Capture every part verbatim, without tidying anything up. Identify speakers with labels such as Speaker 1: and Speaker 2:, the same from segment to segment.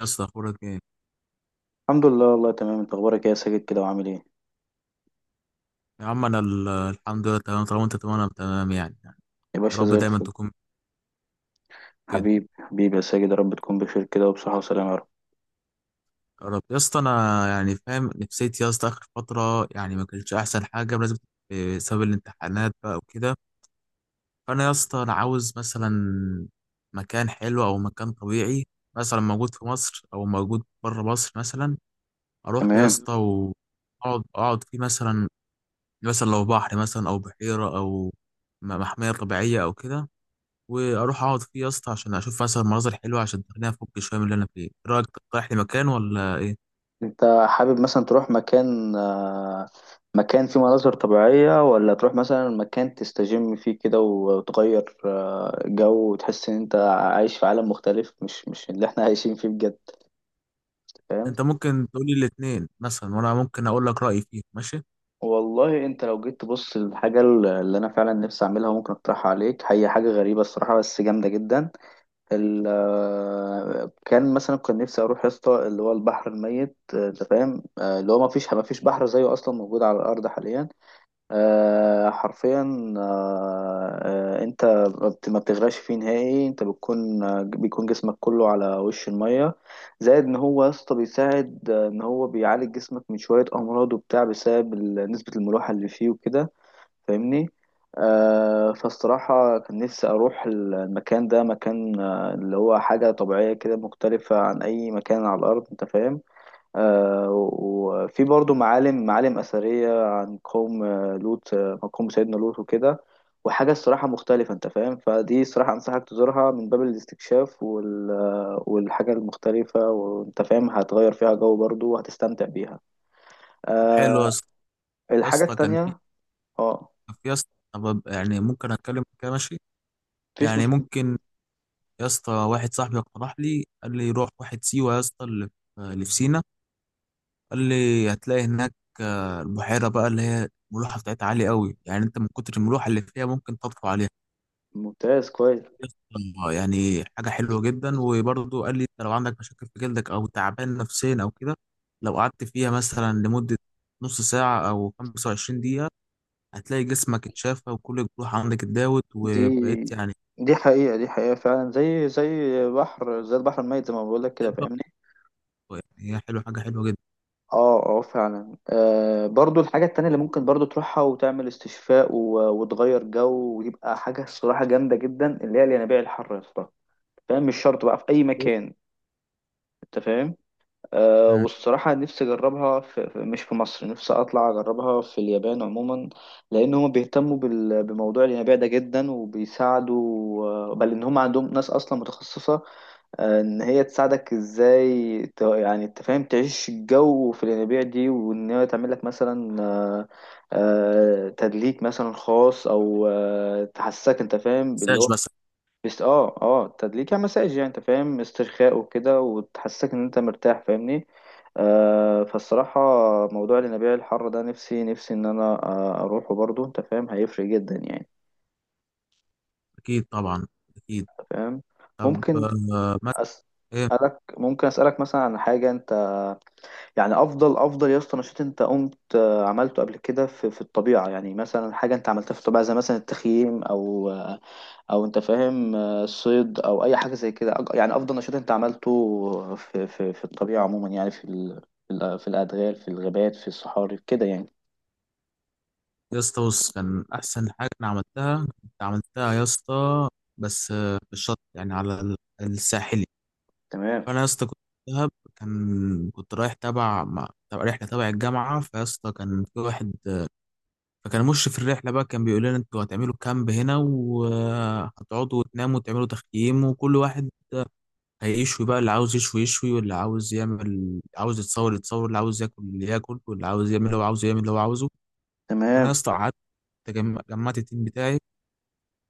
Speaker 1: يا اسطى اخبارك ايه؟
Speaker 2: الحمد لله، والله تمام. انت اخبارك ايه يا ساجد كده وعامل ايه؟
Speaker 1: يا عم انا ال- الحمد لله تمام. طالما انت تمام انا تمام، يعني يعني.
Speaker 2: يا
Speaker 1: يا
Speaker 2: باشا
Speaker 1: رب
Speaker 2: زي
Speaker 1: دايما
Speaker 2: الفل.
Speaker 1: تكون كده.
Speaker 2: حبيبي حبيبي يا ساجد، يا رب تكون بخير كده وبصحة وسلامة يا رب.
Speaker 1: يا رب يا اسطى، انا يعني فاهم نفسيتي يا اسطى. اخر فتره يعني ما كانتش احسن حاجه بسبب، بسبب الامتحانات بقى وكده. فانا يا اسطى انا عاوز مثلا مكان حلو او مكان طبيعي، مثلا موجود في مصر او موجود بره مصر، مثلا اروح له يا
Speaker 2: تمام.
Speaker 1: اسطى واقعد اقعد فيه مثلا. مثلا لو بحر مثلا او بحيره او م- محميه طبيعيه او كده، واروح اقعد فيه يا اسطى عشان اشوف مثلا مناظر حلوه عشان تخليني افك شويه من اللي انا فيه. إيه رايك، تقترح لي مكان ولا ايه؟
Speaker 2: انت حابب مثلا تروح مكان آه، مكان فيه مناظر طبيعية، ولا تروح مثلا مكان تستجم فيه كده وتغير آه، جو، وتحس ان انت عايش في عالم مختلف، مش مش اللي احنا عايشين فيه بجد. فاهم.
Speaker 1: انت ممكن تقول لي الاثنين مثلا وانا ممكن اقول لك رايي فيه، ماشي.
Speaker 2: والله انت لو جيت تبص للحاجة اللي انا فعلا نفسي اعملها وممكن اقترحها عليك، هي حاجة غريبة الصراحة بس جامدة جدا. ال آه، كان مثلا كان نفسي اروح يا اسطى اللي هو البحر الميت، آه، انت فاهم. آه، اللي هو ما فيش ما فيش بحر زيه اصلا موجود على الارض حاليا، آه، حرفيا. آه، آه، انت ما بت- ما بتغرقش فيه نهائي، انت بتكون آه، بيكون جسمك كله على وش الميه. زائد ان هو يا اسطى بيساعد آه، ان هو بيعالج جسمك من شويه امراض وبتاع بسبب ال- نسبه الملوحه اللي فيه وكده، فاهمني. آه فالصراحة كان نفسي أروح المكان ده، مكان آه اللي هو حاجة طبيعية كده مختلفة عن أي مكان على الأرض، أنت فاهم. آه وفي برضو معالم معالم أثرية عن قوم آه، لوط، آه، قوم سيدنا لوط وكده، وحاجة الصراحة مختلفة أنت فاهم. فدي الصراحة أنصحك تزورها من باب الاستكشاف وال... آه، والحاجة المختلفة، وأنت فاهم هتغير فيها جو برضو وهتستمتع بيها
Speaker 1: طب حلو يا
Speaker 2: آه
Speaker 1: اسطى. يا
Speaker 2: الحاجة
Speaker 1: اسطى كان في،
Speaker 2: التانية. اه.
Speaker 1: كان في يا اسطى طب يعني ممكن اتكلم كده؟ ماشي.
Speaker 2: مفيش
Speaker 1: يعني
Speaker 2: مشكلة.
Speaker 1: ممكن يا اسطى، واحد صاحبي اقترح لي قال لي روح واحد سيوه يا اسطى، اللي في، اللي في سينا. قال لي هتلاقي هناك آه، البحيره بقى اللي هي الملوحه بتاعتها عاليه قوي، يعني انت من كتر الملوحه اللي فيها ممكن تطفو عليها.
Speaker 2: ممتاز كويس.
Speaker 1: آه، يعني حاجة حلوة جدا. وبرضه قال لي انت لو عندك مشاكل في جلدك او تعبان نفسيا او كده، لو قعدت فيها مثلا لمدة نص ساعة او خمسة وعشرين دقيقة، هتلاقي جسمك اتشافى وكل الجروح عندك اتداوت
Speaker 2: دي
Speaker 1: وبقيت يعني
Speaker 2: دي حقيقة، دي حقيقة فعلا، زي زي بحر، زي البحر الميت زي ما بقول لك كده،
Speaker 1: شابة.
Speaker 2: فاهمني.
Speaker 1: يعني هي حلوة، حاجة حلوة جدا.
Speaker 2: اه، اه، فعلا. آه برضو الحاجة التانية اللي ممكن برضو تروحها وتعمل استشفاء و... وتغير جو، ويبقى حاجة الصراحة جامدة جدا، اللي هي الينابيع الحر يا اسطى. فاهم، مش شرط بقى في أي مكان، أنت فاهم. آه
Speaker 1: مم.
Speaker 2: والصراحة نفسي أجربها في... في- مش في مصر، نفسي أطلع أجربها في اليابان عموما، لأن هما بيهتموا بال... بموضوع الينابيع ده جدا وبيساعدوا. آه، بل إن هما عندهم ناس أصلا متخصصة، آه، ان هي تساعدك ازاي، ت- يعني انت فاهم تعيش الجو في الينابيع دي، وان هي تعمل لك مثلا آه، آه، تدليك مثلا خاص، او آه، تحسسك انت فاهم باللي
Speaker 1: مساج
Speaker 2: هو.
Speaker 1: بس.
Speaker 2: بس اه، اه، تدليك يعني، مساج يعني، انت فاهم، استرخاء وكده وتحسسك ان انت مرتاح، فاهمني. آه فالصراحة موضوع الينابيع الحارة ده، نفسي نفسي ان انا آه، اروحه برضو، انت فاهم هيفرق جدا يعني،
Speaker 1: اكيد طبعا. اكيد.
Speaker 2: انت فاهم.
Speaker 1: طب
Speaker 2: ممكن
Speaker 1: آه، مثلا ايه؟
Speaker 2: أسألك ممكن أسألك مثلا عن حاجة انت. يعني افضل افضل يا اسطى نشاط انت قمت آه، عملته قبل كده في في الطبيعه، يعني مثلا حاجه انت عملتها في الطبيعه زي مثلا التخييم او آه، او انت فاهم آه، الصيد، او اي حاجه زي كده، أج- يعني افضل نشاط انت عملته في في في الطبيعه عموما، يعني في ال- في ال- في الادغال، في الغابات، في الصحاري كده يعني.
Speaker 1: يا اسطى بص، كان احسن حاجة انا عملتها، كنت عملتها يا اسطى بس آه، في الشط يعني على ال- الساحلي.
Speaker 2: تمام،
Speaker 1: فانا يا اسطى كنت في دهب. كان كنت رايح تبع، مع تبع رحله تبع الجامعه. فيا اسطى كان في واحد، فكان مشرف الرحله بقى، كان بيقول لنا انتوا هتعملوا كامب هنا وهتقعدوا وتناموا وتعملوا تخييم، وكل واحد هيشوي بقى، اللي عاوز يشوي يشوي واللي عاوز يعمل، عاوز يتصور يتصور، اللي عاوز ياكل اللي ياكل، واللي عاوز يعمل اللي هو عاوزه يعمل اللي هو عاوزه. فانا يا
Speaker 2: تمام.
Speaker 1: اسطى قعدت، جم- جمعت التيم بتاعي،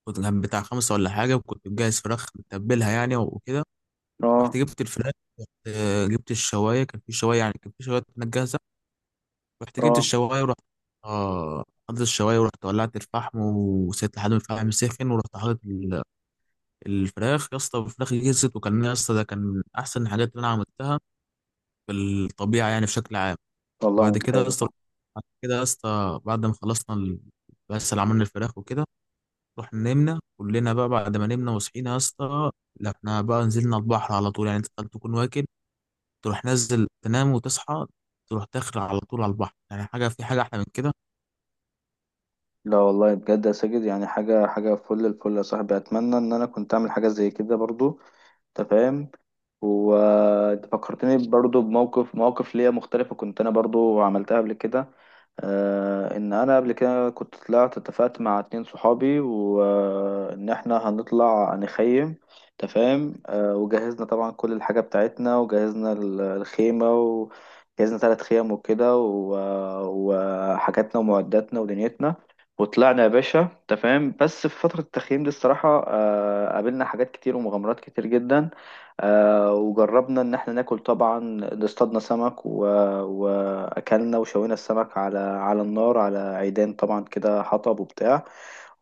Speaker 1: كنت كان بتاع خمسه ولا حاجه، وكنت مجهز فراخ متبلها يعني وكده.
Speaker 2: اه،
Speaker 1: رحت جبت الفراخ، آه، جبت الشوايه، كان في شوايه، يعني كان في شوايه كانت جاهزه. رحت جبت
Speaker 2: اه.
Speaker 1: الشوايه ورحت، اه حطيت الشوايه ورحت ولعت الفحم وسيبت لحد ما الفحم سخن، ورحت حاطط ال- الفراخ يا اسطى. الفراخ جهزت، وكان يا اسطى ده كان من احسن الحاجات اللي انا عملتها في الطبيعه يعني بشكل عام.
Speaker 2: والله
Speaker 1: وبعد كده
Speaker 2: ممتاز
Speaker 1: يا
Speaker 2: يا
Speaker 1: اسطى،
Speaker 2: صاحبي.
Speaker 1: بعد كده يا اسطى بعد ما خلصنا ال- بس اللي عملنا الفراخ وكده، رحنا نمنا كلنا بقى. بعد ما نمنا وصحينا يا اسطى، لا احنا بقى نزلنا البحر على طول. يعني انت تكون واكل، تروح نزل تنام وتصحى، تروح داخل على طول على البحر، يعني حاجه، في حاجه احلى من كده؟
Speaker 2: لا والله بجد يا ساجد، يعني حاجه حاجه فل الفل يا صاحبي، اتمنى ان انا كنت اعمل حاجه زي كده برضو، انت فاهم. وانت فكرتني برضو بموقف مواقف ليا مختلفة كنت انا برضو عملتها قبل كده. آه ان انا قبل كده كنت طلعت اتفقت مع اتنين صحابي، وان احنا هنطلع نخيم، تفاهم. آه وجهزنا طبعا كل الحاجة بتاعتنا، وجهزنا ال- الخيمة، وجهزنا ثلاث خيم وكده و- وحاجاتنا ومعداتنا ودنيتنا، وطلعنا يا باشا، تفاهم. بس في فترة التخييم دي الصراحة آه قابلنا حاجات كتير ومغامرات كتير جدا، آه وجربنا ان احنا ناكل، طبعا اصطادنا سمك و... واكلنا وشوينا السمك على على النار، على عيدان طبعا كده، حطب وبتاع.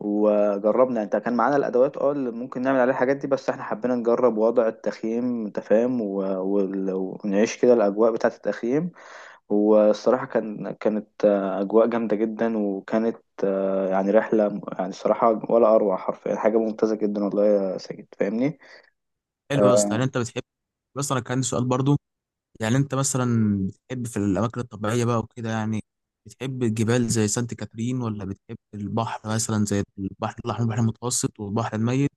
Speaker 2: وجربنا، انت كان معانا الادوات اه اللي ممكن نعمل عليها الحاجات دي، بس احنا حبينا نجرب وضع التخييم انت فاهم، و... وال- ونعيش كده الاجواء بتاعه التخييم. والصراحه كان كانت آه، اجواء جامده جدا، وكانت آه، يعني رحله، يعني الصراحه ولا اروع حرفيا، حاجه ممتازه جدا والله يا ساجد، فاهمني.
Speaker 1: حلو يا اسطى. يعني انت بتحب، بس انا كان عندي سؤال برضو. يعني انت مثلا بتحب في الاماكن الطبيعيه بقى وكده، يعني بتحب الجبال زي سانت كاترين، ولا بتحب البحر مثلا زي البحر الاحمر، البحر المتوسط، والبحر الميت،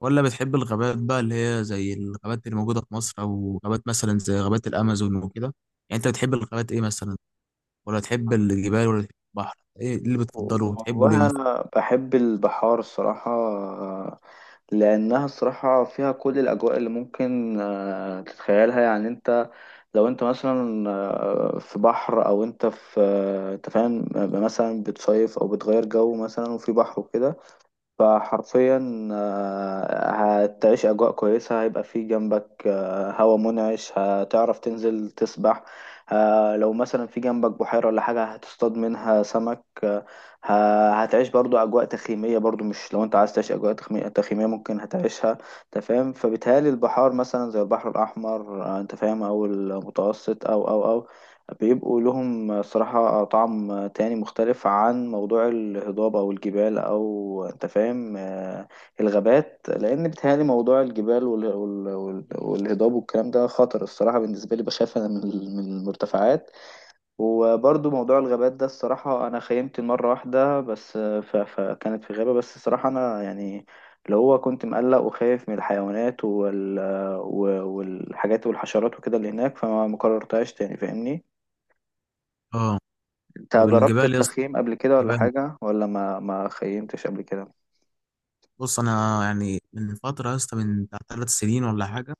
Speaker 1: ولا بتحب الغابات بقى اللي هي زي الغابات اللي موجوده في مصر، او غابات مثلا زي غابات الامازون وكده؟ يعني انت بتحب الغابات ايه مثلا؟ ولا تحب الجبال ولا تحب البحر؟ ايه اللي بتفضله وبتحبه ليه
Speaker 2: والله
Speaker 1: مثلا؟
Speaker 2: أنا بحب البحار الصراحة آه، لأنها الصراحة فيها كل الأجواء اللي ممكن آه، تتخيلها، يعني أنت لو أنت مثلا آه، في بحر، أو أنت في آه، أنت فاهم آه، مثلا بتصيف أو بتغير جو مثلا وفي بحر وكده، فحرفيا آه، هتعيش أجواء كويسة، هيبقى في جنبك آه، هوا منعش، هتعرف تنزل تسبح، آه، لو مثلا في جنبك بحيرة ولا حاجة هتصطاد منها سمك آه، ه- هتعيش برضو أجواء تخييمية برضو، مش لو أنت عايز تعيش أجواء تخمي- تخييمية ممكن هتعيشها، أنت فاهم. فبالتالي البحار مثلا زي البحر الأحمر آه، أنت فاهم، أو المتوسط أو أو أو بيبقوا لهم صراحة طعم تاني مختلف عن موضوع الهضاب أو الجبال، أو أنت فاهم آه، الغابات، لأن بيتهيألي موضوع الجبال وال- وال- وال- والهضاب والكلام ده خطر الصراحة بالنسبة لي، بخاف أنا من ال- من المرتفعات. وبرضو موضوع الغابات ده الصراحة أنا خيمت مرة واحدة بس آه، ف- فكانت في غابة، بس الصراحة أنا يعني اللي هو كنت مقلق وخايف من الحيوانات وال... آه، و- والحاجات والحشرات وكده اللي هناك، فما مكررتهاش تاني، فاهمني.
Speaker 1: اه.
Speaker 2: انت
Speaker 1: طب
Speaker 2: جربت
Speaker 1: الجبال، يا
Speaker 2: التخييم قبل كده ولا
Speaker 1: يبقى
Speaker 2: حاجة، ولا ما ما خيمتش قبل كده؟
Speaker 1: بص، انا يعني من فتره يا اسطى، من بتاع ثلاث سنين ولا حاجه،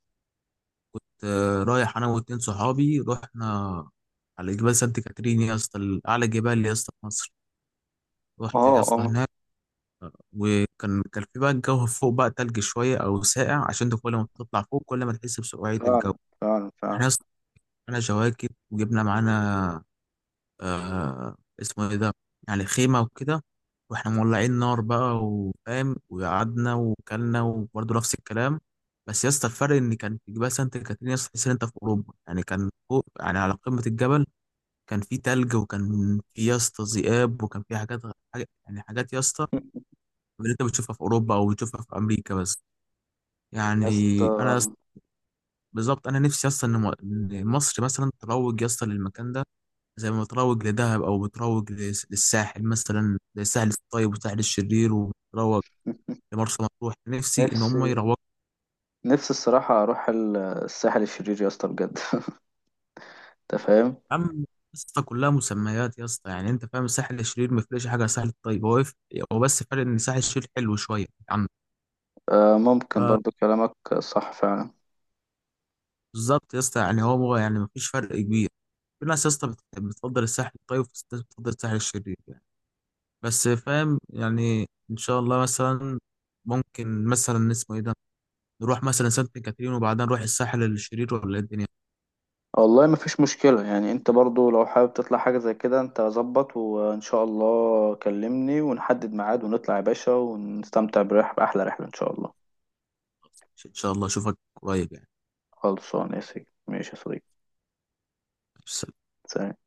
Speaker 1: كنت رايح انا واتنين صحابي، رحنا على جبال سانت كاترين يا اسطى، ال- اعلى جبال يا اسطى في مصر. رحت
Speaker 2: اه،
Speaker 1: يا اسطى
Speaker 2: اه،
Speaker 1: هناك، وكان كان في بقى الجو فوق بقى تلج شويه او ساقع، عشان انت كل ما بتطلع فوق كل ما تحس بسقوعيه
Speaker 2: فعلا
Speaker 1: الجو.
Speaker 2: فعلا
Speaker 1: احنا
Speaker 2: فعلا
Speaker 1: يا اسطى معانا جواكت، وجبنا معانا آه، اسمه ايه ده، يعني خيمة وكده، واحنا مولعين نار بقى وفاهم، وقعدنا وكلنا وبرضه نفس الكلام. بس يا اسطى الفرق ان كان في جبال سانت كاترين يا اسطى، تحس ان انت في اوروبا يعني. كان فوق يعني على قمة الجبل، كان في تلج، وكان في يا اسطى ذئاب، وكان في حاجات غ- حاجة يعني، حاجات يا اسطى اللي انت بتشوفها في اوروبا او بتشوفها في امريكا بس. يعني
Speaker 2: يا
Speaker 1: انا يا
Speaker 2: اسطى،
Speaker 1: اسطى- بالظبط انا نفسي يا اسطى ان م- إن مصر مثلا تروج يا اسطى للمكان ده، زي ما بتروج لدهب، او بتروج لس- للساحل، مثلا للساحل الطيب والساحل الشرير، وبتروج لمرسى مطروح. نفسي ان هم
Speaker 2: نفسي
Speaker 1: يروجوا.
Speaker 2: نفسي الصراحة أروح ال- الساحل الشرير يا اسطى بجد أنت فاهم؟
Speaker 1: يا عم يا اسطى، كلها مسميات يا اسطى، يعني انت فاهم، الساحل الشرير ما فرقش حاجه عن الساحل الطيب. هو يف- هو بس فرق ان الساحل الشرير حلو شويه عن،
Speaker 2: آه ممكن برضو كلامك صح فعلا.
Speaker 1: بالظبط يا اسطى، يعني هو يعني ما فيش فرق كبير. في ناس يا اسطى بت- بتفضل الساحل الطيب، وفي ناس بتفضل الساحل الشرير يعني. بس فاهم، يعني ان شاء الله مثلا ممكن مثلا، اسمه ايه ده، نروح مثلا سانت كاترين وبعدين نروح الساحل الشرير، ولا إيه الدنيا؟
Speaker 2: والله مفيش مشكلة، يعني أنت برضو لو حابب تطلع حاجة زي كده أنت ظبط، وإن شاء الله كلمني ونحدد ميعاد ونطلع يا باشا ونستمتع برحلة، بأحلى رحلة إن شاء الله.
Speaker 1: ان شاء الله اشوفك قريب،
Speaker 2: خلصان يا سيدي، ماشي يا صديقي.
Speaker 1: يعني
Speaker 2: سلام.